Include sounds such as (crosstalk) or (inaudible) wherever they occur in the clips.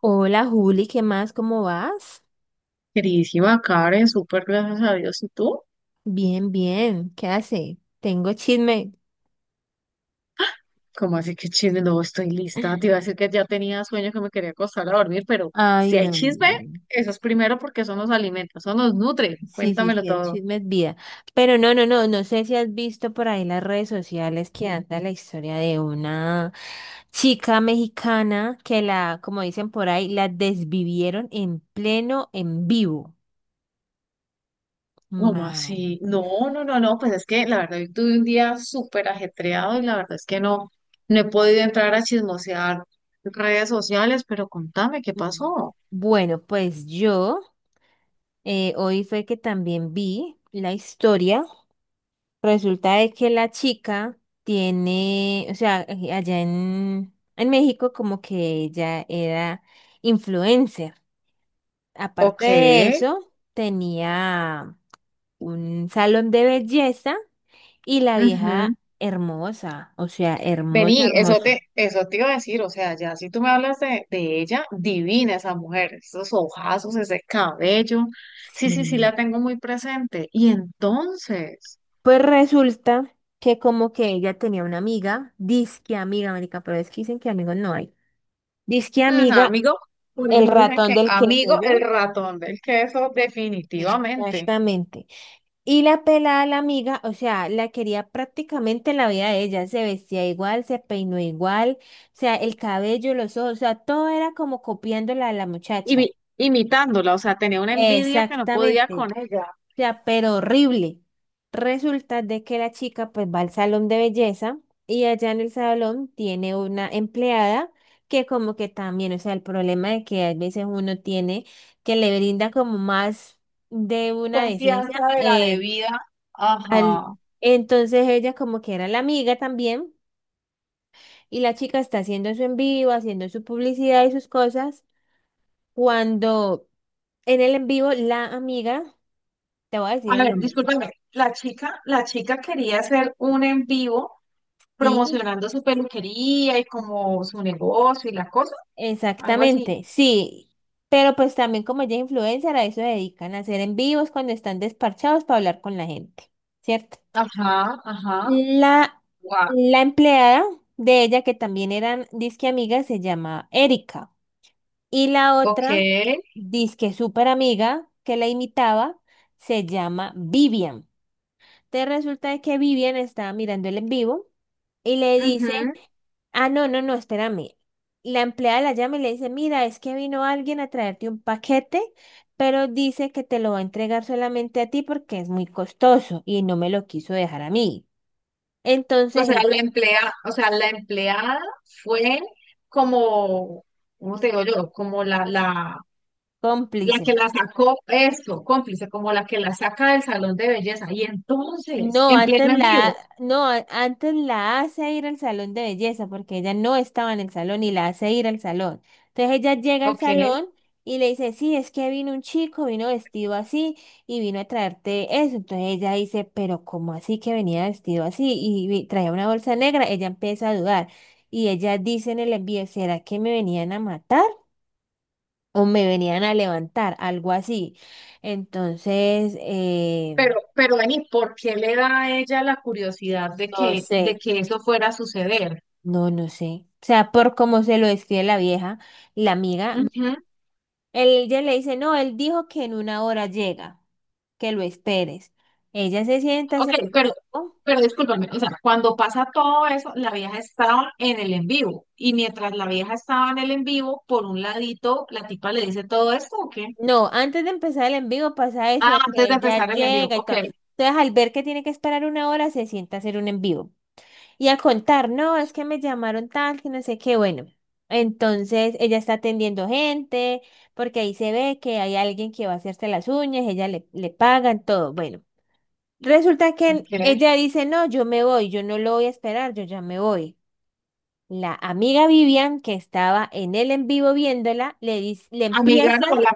Hola Juli, ¿qué más? ¿Cómo vas? Queridísima Karen, súper gracias a Dios. ¿Y tú? Bien, bien. ¿Qué hace? Tengo chisme. ¿Cómo así que chisme? No, estoy lista. Te iba a decir que ya tenía sueño que me quería acostar a dormir, pero Ay, si hay no. No, chisme, no. eso es primero porque eso nos alimenta, eso nos nutre. Sí, sí, Cuéntamelo sí, el todo. chisme es vida. Pero no, no, no, no sé si has visto por ahí las redes sociales que anda la historia de una chica mexicana que la, como dicen por ahí, la desvivieron en pleno en vivo. ¿Cómo Ma- así? No, no, no, no. Pues es que la verdad, hoy tuve un día súper ajetreado y la verdad es que no, no he podido entrar a chismosear redes sociales, pero contame qué pasó. Bueno, pues yo hoy fue que también vi la historia. Resulta de que la chica tiene, o sea, allá en México como que ella era influencer. Aparte Ok. de eso, tenía un salón de belleza y la Ujú. vieja hermosa, o sea, hermosa, Vení, eso te, hermosa. eso te iba a decir, o sea, ya si tú me hablas de ella, divina esa mujer, esos ojazos, ese cabello, sí, sí, sí Sí. la tengo muy presente. Y entonces, Pues resulta que como que ella tenía una amiga, disque amiga, marica, pero es que dicen que amigos no hay. Disque amiga, amigo, por el eso dicen ratón que del queso, amigo el ¿yo? ratón del queso, (laughs) definitivamente, Exactamente. Y la pelada, la amiga, o sea, la quería prácticamente en la vida de ella. Se vestía igual, se peinó igual, o sea, el cabello, los ojos, o sea, todo era como copiándola a la Y muchacha. vi imitándola, o sea, tenía una envidia que no podía Exactamente con ella, sea, pero horrible. Resulta de que la chica pues va al salón de belleza y allá en el salón tiene una empleada que como que también, o sea, el problema de que a veces uno tiene que le brinda como más de una decencia confianza de la debida, al... ajá. Entonces ella como que era la amiga también y la chica está haciendo su en vivo, haciendo su publicidad y sus cosas, cuando en el en vivo la amiga, te voy a decir A el ver, nombre, discúlpame, la chica quería hacer un en vivo sí. promocionando su peluquería y como su negocio y la cosa, algo así. Exactamente, sí, pero pues también como ella es influencer, a eso se dedican, a hacer en vivos cuando están despachados para hablar con la gente, ¿cierto? Ajá, ajá, La, guau la empleada de ella, que también eran disque amigas, se llama Erika. Y la ok, otra, disque súper amiga, que la imitaba, se llama Vivian. Te resulta de que Vivian estaba mirando el en vivo y le dice. ujú. Ah, no, no, no, espérame. La empleada la llama y le dice, mira, es que vino alguien a traerte un paquete, pero dice que te lo va a entregar solamente a ti porque es muy costoso y no me lo quiso dejar a mí. O Entonces, sea, el la empleada fue como, ¿cómo te digo yo? Como la, la, la cómplice. que la sacó, esto, cómplice, como la que la saca del salón de belleza. Y entonces, No, en antes pleno en la, vivo, no, antes la hace ir al salón de belleza porque ella no estaba en el salón y la hace ir al salón. Entonces ella llega al ok, salón y le dice, sí, es que vino un chico, vino vestido así y vino a traerte eso. Entonces ella dice, pero ¿cómo así que venía vestido así y traía una bolsa negra? Ella empieza a dudar y ella dice en el envío, ¿será que me venían a matar o me venían a levantar? Algo así. Entonces, pero vení, ¿por qué le da a ella la curiosidad de no que, de sé. que eso fuera a suceder? No, no sé. O sea, por cómo se lo describe la vieja, la amiga, Ujú. él, ella le dice, no, él dijo que en una hora llega, que lo esperes. Ella se sienta, Ok, se... pero, oh. pero discúlpame, o sea, cuando pasa todo eso, la vieja estaba en el en vivo. Y mientras la vieja estaba en el en vivo, por un ladito, la tipa le dice todo esto, ¿o qué? No, antes de empezar el en vivo pasa eso, Ah, de que antes de ella empezar el en vivo, llega y ok, todo. Entonces, al ver que tiene que esperar una hora, se sienta a hacer un en vivo. Y a contar, no, es que me llamaron tal, que no sé qué, bueno. Entonces, ella está atendiendo gente, porque ahí se ve que hay alguien que va a hacerse las uñas, ella le, le pagan todo, bueno. Resulta que ok. ella dice, no, yo me voy, yo no lo voy a esperar, yo ya me voy. La amiga Vivian, que estaba en el en vivo viéndola, le dice, le Amiga, empieza, no, la,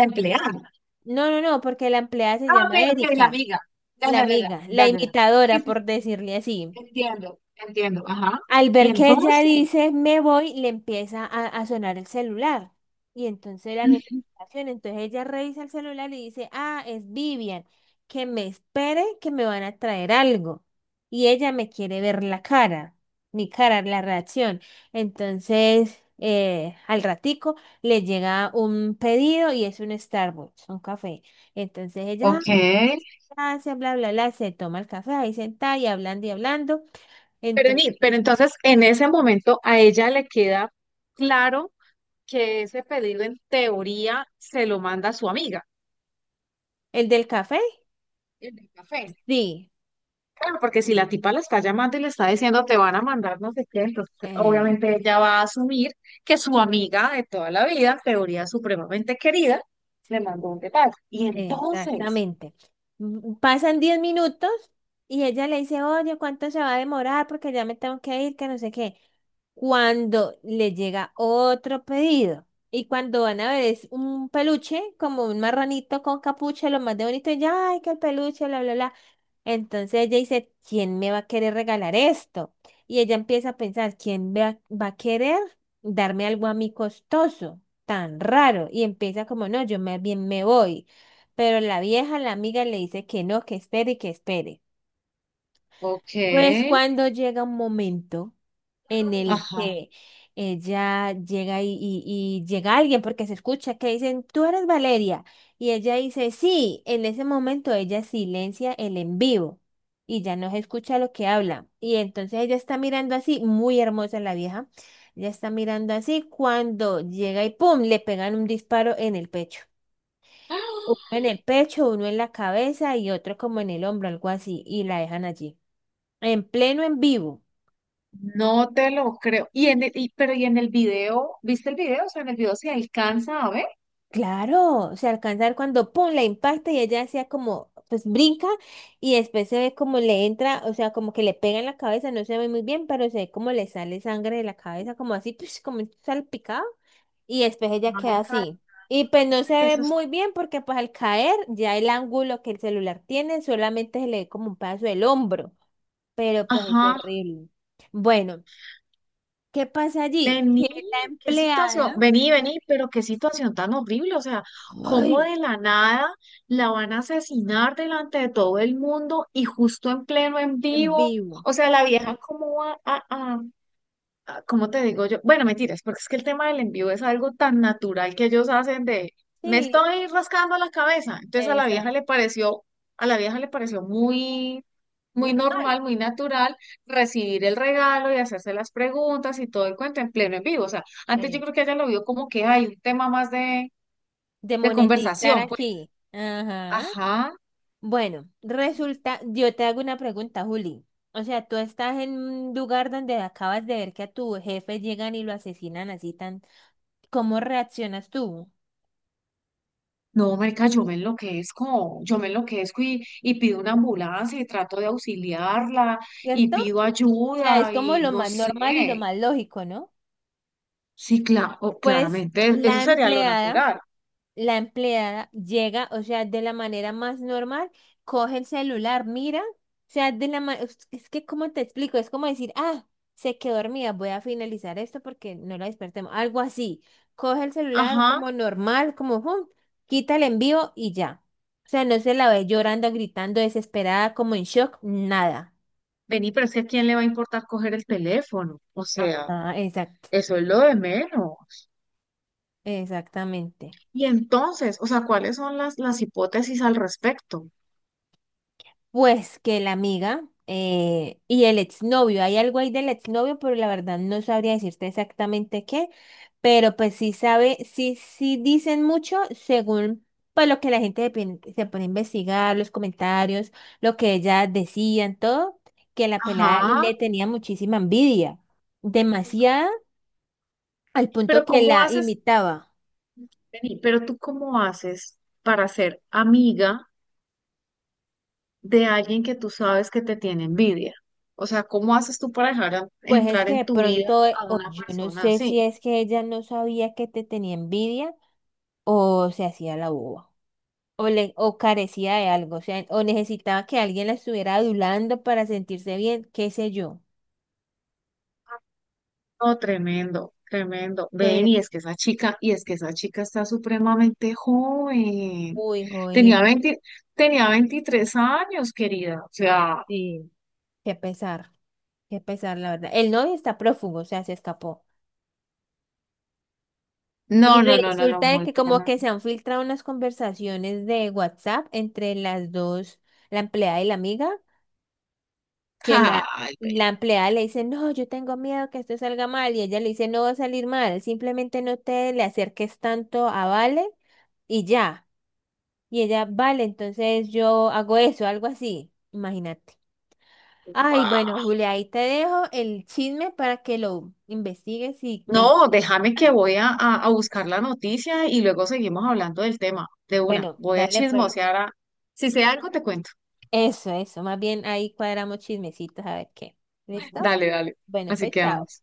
la empleada. no, no, no, porque la empleada se Ah, ok, llama ok, la Erika, amiga. Ya, la ya, ya, ya, amiga, la ya, ya. ya. Sí, imitadora, sí, por sí, decirle así. entiendo, entiendo, ajá. Al Y ver que ella entonces, dice me voy, le empieza a sonar el celular. Y entonces la mm, notificación, entonces ella revisa el celular y dice, ah, es Vivian, que me espere, que me van a traer algo. Y ella me quiere ver la cara, mi cara, la reacción. Entonces, al ratico le llega un pedido y es un Starbucks, un café. Entonces ella, "Ah, ok. muchas gracias, bla, bla, bla", se toma el café ahí sentada y hablando y hablando. Pero, Entonces ni- pero entonces, en ese momento, a ella le queda claro. Que ese pedido en teoría se lo manda a su amiga, ¿el del café? el del café. Sí, Claro, porque si la tipa la está llamando y le está diciendo te van a mandar no sé qué, entonces Eh, obviamente ella va a asumir que su amiga de toda la vida, en teoría supremamente querida, le mandó un detalle. Y entonces, exactamente. Mm, pasan 10 minutos y ella le dice, oye, ¿cuánto se va a demorar? Porque ya me tengo que ir, que no sé qué. Cuando le llega otro pedido y cuando van a ver es un peluche, como un marranito con capucha, lo más de bonito, y ya, ay, que el peluche, bla, bla, bla. Entonces ella dice, ¿quién me va a querer regalar esto? Y ella empieza a pensar, ¿quién va, va a querer darme algo a mí costoso, tan raro? Y empieza como, no, yo más bien me voy. Pero la vieja, la amiga, le dice que no, que espere y que espere. ok, Pues cuando llega un momento en el ajá. que ella llega y llega alguien porque se escucha que dicen, tú eres Valeria. Y ella dice, sí, en ese momento ella silencia el en vivo y ya no se escucha lo que habla. Y entonces ella está mirando así, muy hermosa la vieja, ella está mirando así cuando llega y ¡pum!, le pegan un disparo en el pecho. Uno ¡Ah! en el pecho, uno en la cabeza y otro como en el hombro, algo así, y la dejan allí. En pleno en vivo. No te lo creo. Y en el, y- pero y en el video, ¿viste el video? O sea, en el video se alcanza a ver. Claro, se alcanza a ver cuando pum, la impacta y ella hacía como, pues brinca y después se ve como le entra, o sea, como que le pega en la cabeza, no se ve muy bien, pero se ve como le sale sangre de la cabeza, como así, pues, como salpicado y después ella queda Ay, caramba, así. Y pues no se que ve eso es- muy bien porque pues al caer ya el ángulo que el celular tiene solamente se le ve como un pedazo del hombro, pero pues es Ajá. horrible. Bueno, ¿qué pasa allí? Vení, Que la qué situación, empleada, vení, vení, pero qué situación tan horrible, o sea, cómo ay, de la nada la van a asesinar delante de todo el mundo y justo en pleno en en vivo, vivo. o sea, la vieja cómo va ¿cómo te digo yo? Bueno, mentiras, porque es que el tema del envío es algo tan natural que ellos hacen de, me Sí. estoy rascando la cabeza. Entonces a la vieja le pareció, a la vieja le pareció muy, muy Normal. normal, muy natural recibir el regalo y hacerse las preguntas y todo el cuento en pleno en vivo. O sea, antes yo eh, creo que ella lo vio como que hay un tema más de, de de monetizar conversación, pues. aquí. Ajá. Ajá. Bueno, resulta, yo te hago una pregunta, Juli. O sea, tú estás en un lugar donde acabas de ver que a tu jefe llegan y lo asesinan así tan. ¿Cómo reaccionas tú? No, marica, yo me enloquezco y pido una ambulancia y trato de auxiliarla y ¿Cierto? O pido sea, es ayuda como y lo no más sé. normal y lo más lógico, ¿no? Sí, claro, Pues claramente, eso la sería lo empleada natural. la empleada llega, o sea, de la manera más normal, coge el celular, mira, o sea, de la es que ¿cómo te explico? Es como decir, ah, se quedó dormida, voy a finalizar esto porque no la despertemos, algo así. Coge el celular Ajá, como normal, como, hum, quita el envío y ya. O sea, no se la ve llorando, gritando, desesperada, como en shock, nada. vení, pero es que ¿a quién le va a importar coger el teléfono? O sea, Ah, exacto, eso es lo de menos. exactamente. Y entonces, o sea, ¿cuáles son las hipótesis al respecto? Pues que la amiga y el exnovio, hay algo ahí del exnovio, pero la verdad no sabría decirte exactamente qué, pero pues sí sabe, sí, sí dicen mucho según pues lo que la gente se pone a investigar, los comentarios, lo que ella decían, todo, que la pelada Ajá, le tenía muchísima envidia, demasiada, al punto pero que ¿cómo la haces? imitaba. Vení, pero tú ¿cómo haces para ser amiga? De alguien que tú sabes que te tiene envidia. O sea, ¿cómo haces tú para dejar a- Pues es entrar que de en tu vida pronto, a o una yo no persona sé si así? es que ella no sabía que te tenía envidia o se hacía la boba. O, le, o carecía de algo, o sea, o necesitaba que alguien la estuviera adulando para sentirse bien, qué sé yo. No, tremendo, tremendo. Pero, Ven, y es que esa chica está supremamente joven. uy, joven, Tenía 20 Tenía 23 años, querida. O sea, y qué pesar, qué pesar, la verdad. El novio está prófugo, o sea, se escapó. Y no, no, no, no, no, resulta de muy que como tremendo. que se han filtrado unas conversaciones de WhatsApp entre las dos, la empleada y la amiga, que la, (laughs) Ay, ve, la empleada le dice, no, yo tengo miedo que esto salga mal, y ella le dice, no va a salir mal, simplemente no te le acerques tanto a Vale y ya. Y ella, vale, entonces yo hago eso, algo así, imagínate. Ay, bueno, guau. Julia, ahí te dejo el chisme para que lo investigues y te... No, déjame que voy a, (laughs) a a buscar la noticia y luego seguimos hablando del tema. De una, Bueno, voy a dale pues. chismosear a... Si sé algo, te cuento. Eso, más bien ahí cuadramos chismecitos a ver qué. ¿Listo? Dale, dale. Bueno, Así pues que chao. vamos.